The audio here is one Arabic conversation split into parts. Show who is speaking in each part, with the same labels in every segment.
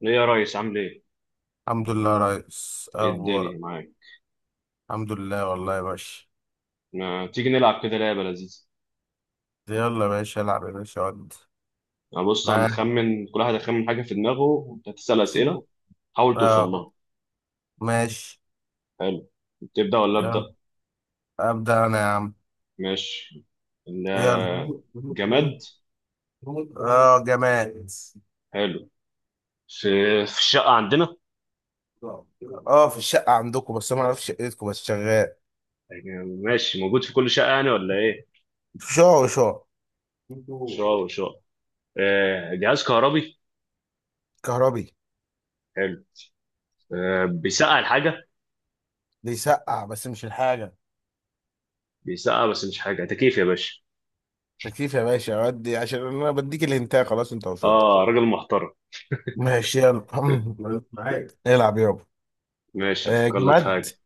Speaker 1: ليه يا ريس عامل ايه؟
Speaker 2: الحمد لله يا ريس،
Speaker 1: ايه
Speaker 2: اخبارك.
Speaker 1: الدنيا معاك؟
Speaker 2: الحمد لله والله يا باشا.
Speaker 1: ما تيجي نلعب كده لعبة لذيذة.
Speaker 2: يلا يا باشا العب يا باشا ود.
Speaker 1: يعني بص
Speaker 2: معاك.
Speaker 1: هنخمن، كل واحد هيخمن حاجة في دماغه وانت هتسأل أسئلة، حاول توصل
Speaker 2: اه
Speaker 1: لها.
Speaker 2: ماشي.
Speaker 1: حلو. تبدأ ولا
Speaker 2: يلا.
Speaker 1: أبدأ؟
Speaker 2: ابدا انا يا عم.
Speaker 1: ماشي. ال-
Speaker 2: يلا.
Speaker 1: جماد.
Speaker 2: اه جماد.
Speaker 1: حلو. في في الشقة عندنا.
Speaker 2: اه في الشقه عندكم، بس انا ما اعرفش شقتكم، بس شغال.
Speaker 1: يعني ماشي موجود في كل شقة يعني ولا ايه؟
Speaker 2: شعر وشعر.
Speaker 1: شقة وشقة. جهاز كهربي.
Speaker 2: كهربي.
Speaker 1: حلو. بيسقع الحاجة.
Speaker 2: بيسقع بس مش الحاجه.
Speaker 1: بيسقع بس مش حاجة، تكييف يا باشا.
Speaker 2: تكييف يا باشا، ودي عشان انا بديك الهنتايه. خلاص انت وصلت.
Speaker 1: اه راجل محترم.
Speaker 2: ماشي يلا. معاك، العب يابا.
Speaker 1: ماشي هفكر لك في
Speaker 2: جماد.
Speaker 1: حاجة.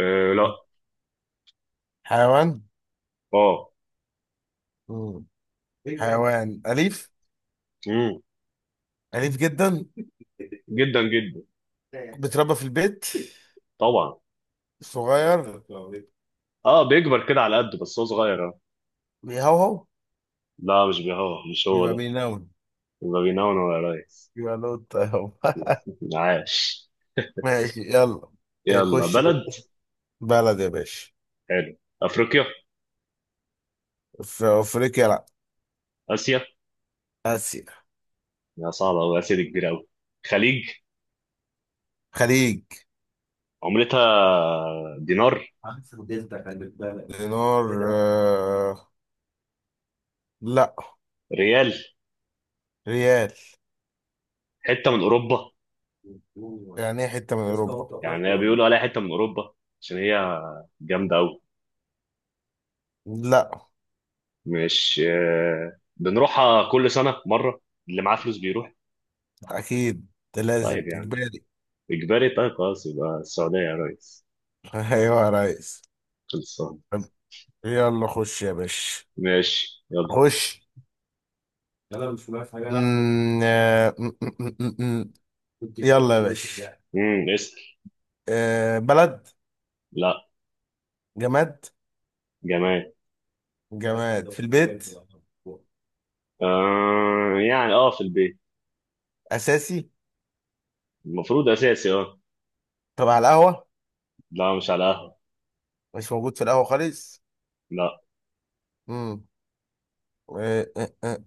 Speaker 1: آه لا.
Speaker 2: حيوان.
Speaker 1: اه.
Speaker 2: مم. بيج بانج حيوان أليف.
Speaker 1: امم
Speaker 2: أليف جدا.
Speaker 1: جدا جدا.
Speaker 2: بيتربى في البيت.
Speaker 1: طبعا.
Speaker 2: صغير.
Speaker 1: اه بيكبر كده على قده بس هو صغير اه.
Speaker 2: بيهوهو.
Speaker 1: لا مش بيهوه، مش هو
Speaker 2: يبقى
Speaker 1: ده.
Speaker 2: بينون.
Speaker 1: يبقى بينون ولا ريس.
Speaker 2: يبقى نوت أهو.
Speaker 1: عاش.
Speaker 2: ماشي يلا. إيه،
Speaker 1: يلا
Speaker 2: خش.
Speaker 1: بلد.
Speaker 2: بلد يا باشا.
Speaker 1: حلو. افريقيا.
Speaker 2: في أفريقيا، لأ.
Speaker 1: اسيا.
Speaker 2: آسيا.
Speaker 1: يا صعبه قوي، اسيا دي كبيره قوي. خليج.
Speaker 2: خليج.
Speaker 1: عملتها دينار.
Speaker 2: دينار. لأ.
Speaker 1: ريال.
Speaker 2: ريال.
Speaker 1: حته من اوروبا.
Speaker 2: يعني إيه حتة من أوروبا؟
Speaker 1: يعني هي بيقولوا عليها حته من اوروبا عشان هي جامده قوي.
Speaker 2: لأ.
Speaker 1: مش بنروحها كل سنه مره، اللي معاه فلوس بيروح.
Speaker 2: أكيد. ده لازم
Speaker 1: طيب يعني
Speaker 2: إجباري.
Speaker 1: اجباري، طيب خلاص يبقى السعوديه يا ريس.
Speaker 2: أيوه يا ريس.
Speaker 1: خلصان.
Speaker 2: يلا خش يا باشا.
Speaker 1: ماشي يلا.
Speaker 2: خش. مم، آه، م- م- م- م- م. يلا يا باشا يعني.
Speaker 1: اسال.
Speaker 2: بلد.
Speaker 1: لا.
Speaker 2: جماد بس.
Speaker 1: جماد.
Speaker 2: جماد في البيت.
Speaker 1: آه يعني اه في البيت.
Speaker 2: أساسي.
Speaker 1: المفروض اساسي اه.
Speaker 2: طب على القهوة.
Speaker 1: لا مش على قهوة.
Speaker 2: مش موجود في القهوة خالص.
Speaker 1: لا.
Speaker 2: مم. آه، آه، آه.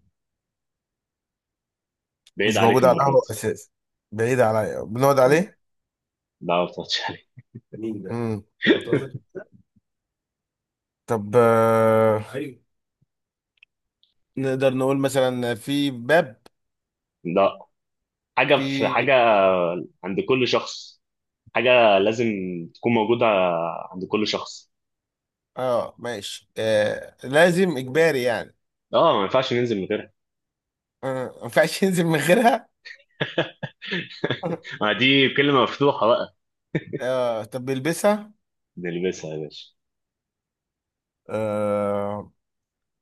Speaker 1: بعيد
Speaker 2: مش
Speaker 1: عليك
Speaker 2: موجود على
Speaker 1: المرة
Speaker 2: القهوة
Speaker 1: دي.
Speaker 2: أساسي. بعيد عليا بنقعد
Speaker 1: مم.
Speaker 2: عليه.
Speaker 1: لا ما بتقعدش عليك.
Speaker 2: مم. طب، نقدر نقول مثلا في باب.
Speaker 1: لا. حاجة في
Speaker 2: في.
Speaker 1: حاجة، عند كل شخص حاجة لازم تكون موجودة عند كل شخص.
Speaker 2: اه ماشي، لازم إجباري يعني.
Speaker 1: اه ما ينفعش ننزل من غيرها.
Speaker 2: ما ينفعش ينزل من غيرها.
Speaker 1: ما دي كلمة مفتوحة بقى.
Speaker 2: طب بيلبسها.
Speaker 1: نلبسها يا باشا.
Speaker 2: آه،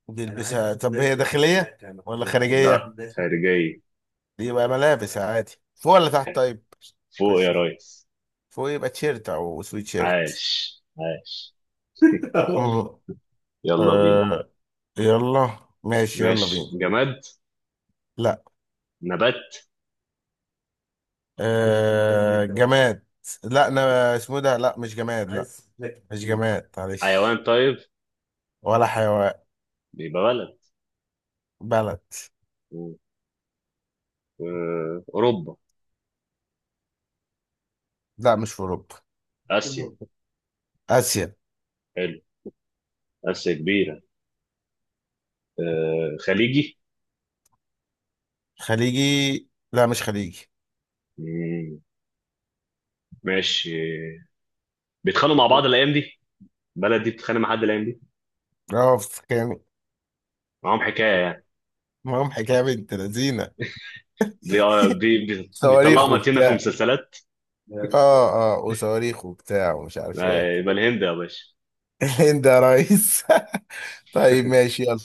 Speaker 2: بيلبسها. طب هي داخلية ولا خارجية
Speaker 1: لا
Speaker 2: دي؟
Speaker 1: خارجية.
Speaker 2: يبقى ملابس عادي فوق ولا تحت؟ طيب.
Speaker 1: فوق
Speaker 2: خش
Speaker 1: يا
Speaker 2: فيه.
Speaker 1: ريس.
Speaker 2: فوق يبقى تيشيرت او سويت شيرت.
Speaker 1: عاش عاش.
Speaker 2: آه.
Speaker 1: يلا بينا.
Speaker 2: آه، يلا ماشي يلا بينا.
Speaker 1: ماشي جماد.
Speaker 2: لا.
Speaker 1: نبات.
Speaker 2: جماد. لا انا اسمه إيه ده، لا مش جماد لا. مش جماد معلش.
Speaker 1: حيوان طيب.
Speaker 2: ولا حيوان.
Speaker 1: يبقى بلد.
Speaker 2: بلد.
Speaker 1: و- أوروبا.
Speaker 2: لا مش في اوروبا.
Speaker 1: آسيا.
Speaker 2: اسيا.
Speaker 1: حلو. آسيا كبيرة. خليجي.
Speaker 2: خليجي. لا مش خليجي.
Speaker 1: مم، ماشي. بيتخانقوا مع بعض الأيام دي، بلد دي بتتخانق مع حد الأيام دي.
Speaker 2: اه كان.
Speaker 1: معاهم حكاية يعني.
Speaker 2: معاهم حكايه بنت لذينه.
Speaker 1: بي... آه، بي... بي... بيطلعوا
Speaker 2: صواريخ
Speaker 1: متينة في
Speaker 2: وبتاع.
Speaker 1: مسلسلات.
Speaker 2: اه اه وصواريخ وبتاع ومش عارف ايه.
Speaker 1: يبقى الهند يا باشا.
Speaker 2: الهند يا ريس. طيب ماشي يلا.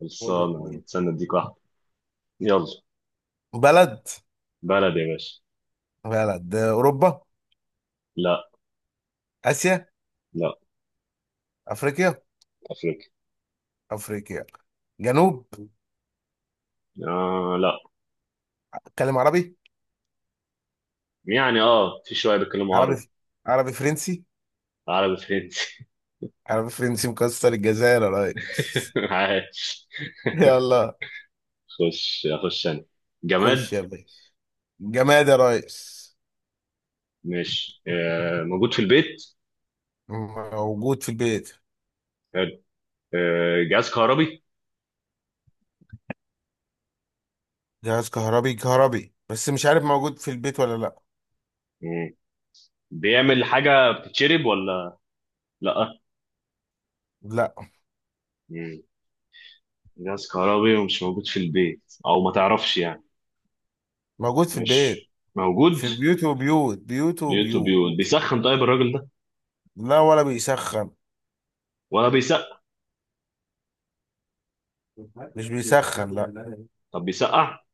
Speaker 1: خلصانة، استنى أديك واحدة. يلا.
Speaker 2: بلد.
Speaker 1: بلد يا باشا.
Speaker 2: بلد اوروبا.
Speaker 1: لا.
Speaker 2: اسيا.
Speaker 1: لا.
Speaker 2: افريقيا.
Speaker 1: أفريقيا.
Speaker 2: افريقيا. جنوب.
Speaker 1: آه لا.
Speaker 2: اتكلم عربي.
Speaker 1: يعني اه في شوية بيتكلموا
Speaker 2: عربي.
Speaker 1: عربي.
Speaker 2: عربي فرنسي.
Speaker 1: عربي فرنسي.
Speaker 2: عربي فرنسي مكسر. الجزائر يا ريس.
Speaker 1: عايش.
Speaker 2: يلا.
Speaker 1: خش اخش انا. جماد.
Speaker 2: خش يا باشا. جماد يا ريس.
Speaker 1: ماشي موجود في البيت.
Speaker 2: موجود في البيت.
Speaker 1: حلو. جهاز كهربي.
Speaker 2: جهاز كهربي. كهربي بس مش عارف موجود في البيت ولا لا.
Speaker 1: مم. بيعمل حاجة بتتشرب ولا؟ لأ.
Speaker 2: لا،
Speaker 1: مم. جهاز كهربي ومش موجود في البيت أو ما تعرفش يعني.
Speaker 2: موجود في البيت.
Speaker 1: ماشي موجود.
Speaker 2: في بيوت وبيوت بيوت
Speaker 1: بيوت
Speaker 2: وبيوت.
Speaker 1: وبيوت. بيسخن طيب الراجل ده؟
Speaker 2: لا ولا بيسخن.
Speaker 1: ولا بيسقع.
Speaker 2: مش بيسخن لا.
Speaker 1: طب بيسقع.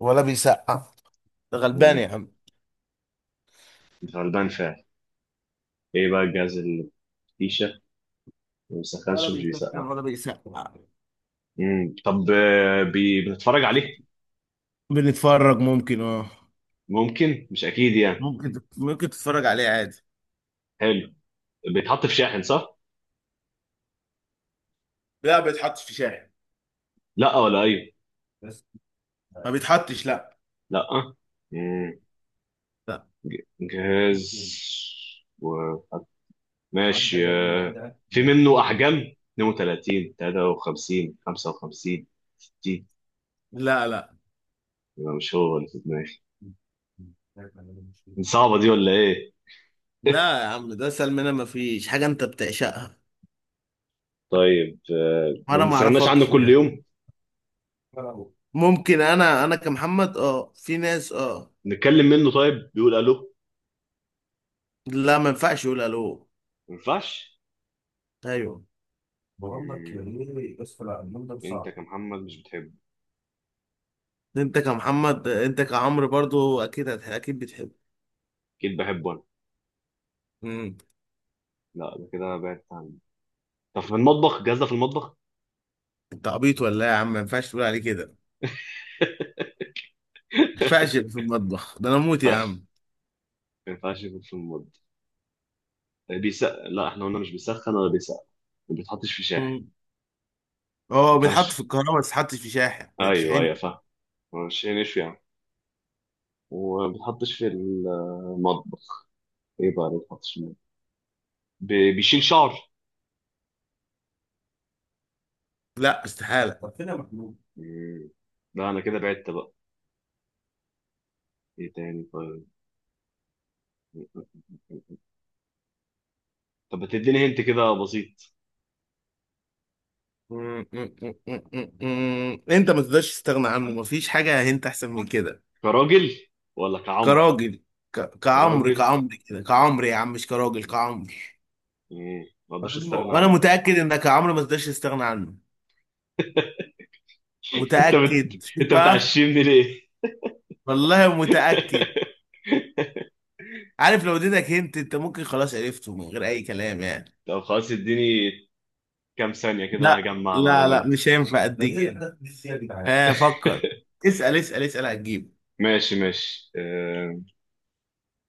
Speaker 2: ولا بيسقع. ده غلبان يا
Speaker 1: مم.
Speaker 2: عم.
Speaker 1: غلبان فعلا. إيه بقى الجهاز اللي فيشة ما
Speaker 2: ولا
Speaker 1: بيسخنش ومش
Speaker 2: بيسخن
Speaker 1: بيسقع؟
Speaker 2: ولا بيسقع.
Speaker 1: طب بنتفرج عليه.
Speaker 2: بنتفرج ممكن اه.
Speaker 1: ممكن مش أكيد يعني.
Speaker 2: ممكن تتفرج عليه عادي.
Speaker 1: حلو. بيتحط في شاحن صح؟
Speaker 2: لا، ما بيتحطش في شاحن.
Speaker 1: لا ولا ايوه.
Speaker 2: ما بيتحطش لا
Speaker 1: لا. مم. جهاز و... ماشي في منه احجام، 32 53 55 60.
Speaker 2: لا لا لا
Speaker 1: يبقى مش هو اللي في دماغي. صعبه دي ولا ايه؟
Speaker 2: لا يا عم، ده اسهل منها. ما فيش حاجه انت بتعشقها.
Speaker 1: طيب ما
Speaker 2: وانا ما
Speaker 1: بنستغناش عنه
Speaker 2: اعرفكش
Speaker 1: كل
Speaker 2: يعني.
Speaker 1: يوم.
Speaker 2: ممكن انا كمحمد، اه في ناس اه.
Speaker 1: نتكلم منه طيب، بيقول الو؟
Speaker 2: لا ما ينفعش يقول الو.
Speaker 1: ما ينفعش.
Speaker 2: ايوه، بقول لك
Speaker 1: مم،
Speaker 2: ليه بس لا اليوم ده
Speaker 1: انت
Speaker 2: صعب.
Speaker 1: كمحمد مش بتحبه.
Speaker 2: انت كمحمد، انت كعمرو برضو اكيد بتحب.
Speaker 1: اكيد بحبه انا.
Speaker 2: امم.
Speaker 1: لا ده كده بعدت عنه. طب في المطبخ، الجهاز ده في المطبخ؟
Speaker 2: انت عبيط ولا ايه يا عم؟ ما ينفعش تقول عليه كده. ما ينفعش في المطبخ، ده انا موت
Speaker 1: ما
Speaker 2: يا
Speaker 1: ينفعش،
Speaker 2: عم.
Speaker 1: ما ينفعش يكون في المطبخ. بيس لا، احنا قلنا مش بيسخن ولا بيسقع، ما بيتحطش في شاحن،
Speaker 2: مم.
Speaker 1: ما
Speaker 2: اه بيتحط في
Speaker 1: ينفعش.
Speaker 2: الكهرباء، بس يتحطش في شاحن، ما
Speaker 1: ايوه ايوه
Speaker 2: تشحنش.
Speaker 1: فاهم، هو الشاي نشوي يعني، وما بيتحطش في المطبخ. ايه بقى اللي ما بيتحطش في المطبخ؟ بيشيل شعر.
Speaker 2: لا استحاله.
Speaker 1: مم. لا انا كده بعدت بقى. ايه تاني طيب. طب ما تديني هنت كده بسيط.
Speaker 2: انت ما تقدرش تستغنى عنه، مفيش حاجه انت احسن من كده.
Speaker 1: كراجل ولا كعمر؟
Speaker 2: كراجل. كعمرو
Speaker 1: راجل.
Speaker 2: كعمرو كده كعمرو يا عم، مش كراجل كعمرو.
Speaker 1: ما اقدرش استغنى
Speaker 2: وانا
Speaker 1: عنه.
Speaker 2: متاكد انك يا عمرو ما تقدرش تستغنى عنه. متاكد، شوف
Speaker 1: انت
Speaker 2: بقى.
Speaker 1: بتعشمني ليه؟
Speaker 2: والله متاكد. عارف لو اديتك هنت انت، ممكن خلاص عرفته من غير اي كلام يعني.
Speaker 1: طب خلاص اديني كام ثانية كده
Speaker 2: لا
Speaker 1: اجمع
Speaker 2: لا لا،
Speaker 1: معلومات.
Speaker 2: مش هينفع اديك. اه فكر. اسال اسال اسال، هتجيب.
Speaker 1: ماشي ماشي آه،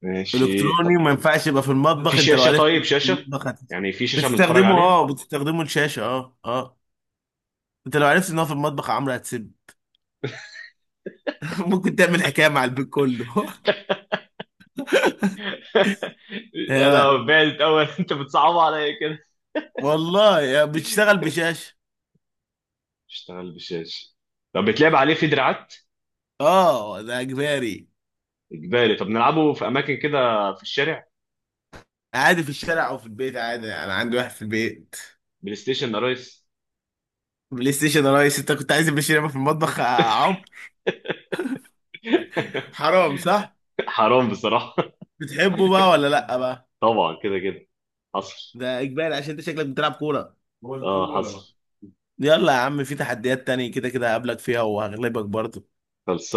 Speaker 1: ماشي طب
Speaker 2: الكتروني ما ينفعش يبقى في
Speaker 1: في
Speaker 2: المطبخ. انت لو
Speaker 1: شاشة؟
Speaker 2: عرفت
Speaker 1: طيب
Speaker 2: إنه في
Speaker 1: شاشة،
Speaker 2: المطبخ هت...
Speaker 1: يعني في شاشة بنتفرج عليها.
Speaker 2: بتستخدمه الشاشه، اه اه. انت لو عرفت ان هو في المطبخ يا عمرو هتسيب. ممكن تعمل حكايه مع البيت كله. آه،
Speaker 1: انا بعدت اول. انت بتصعب عليا كده.
Speaker 2: والله يا بتشتغل بشاشه.
Speaker 1: اشتغل بشاشة. طب بتلعب عليه في دراعات؟
Speaker 2: اه ده اجباري.
Speaker 1: اجباري. طب نلعبه في اماكن كده، في الشارع؟
Speaker 2: عادي في الشارع او في البيت عادي، انا عندي واحد في البيت.
Speaker 1: بلاي ستيشن يا ريس.
Speaker 2: بلاي ستيشن يا ريس. انت كنت عايز بلاي ستيشن يبقى في المطبخ يا عم؟ حرام صح.
Speaker 1: حرام بصراحة.
Speaker 2: بتحبه بقى ولا لا بقى؟
Speaker 1: طبعا كده كده. حصل.
Speaker 2: ده اجباري عشان انت شكلك بتلعب كوره.
Speaker 1: اه حصل.
Speaker 2: يلا يا عم، في تحديات تانية كده كده هقابلك فيها وهغلبك برضه.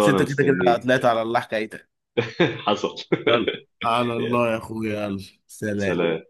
Speaker 2: بس انت كده كده
Speaker 1: مستنيه.
Speaker 2: طلعت على الله حكايتك.
Speaker 1: حصل.
Speaker 2: يلا. على
Speaker 1: يا
Speaker 2: الله يا اخويا يلا. سلام.
Speaker 1: سلام.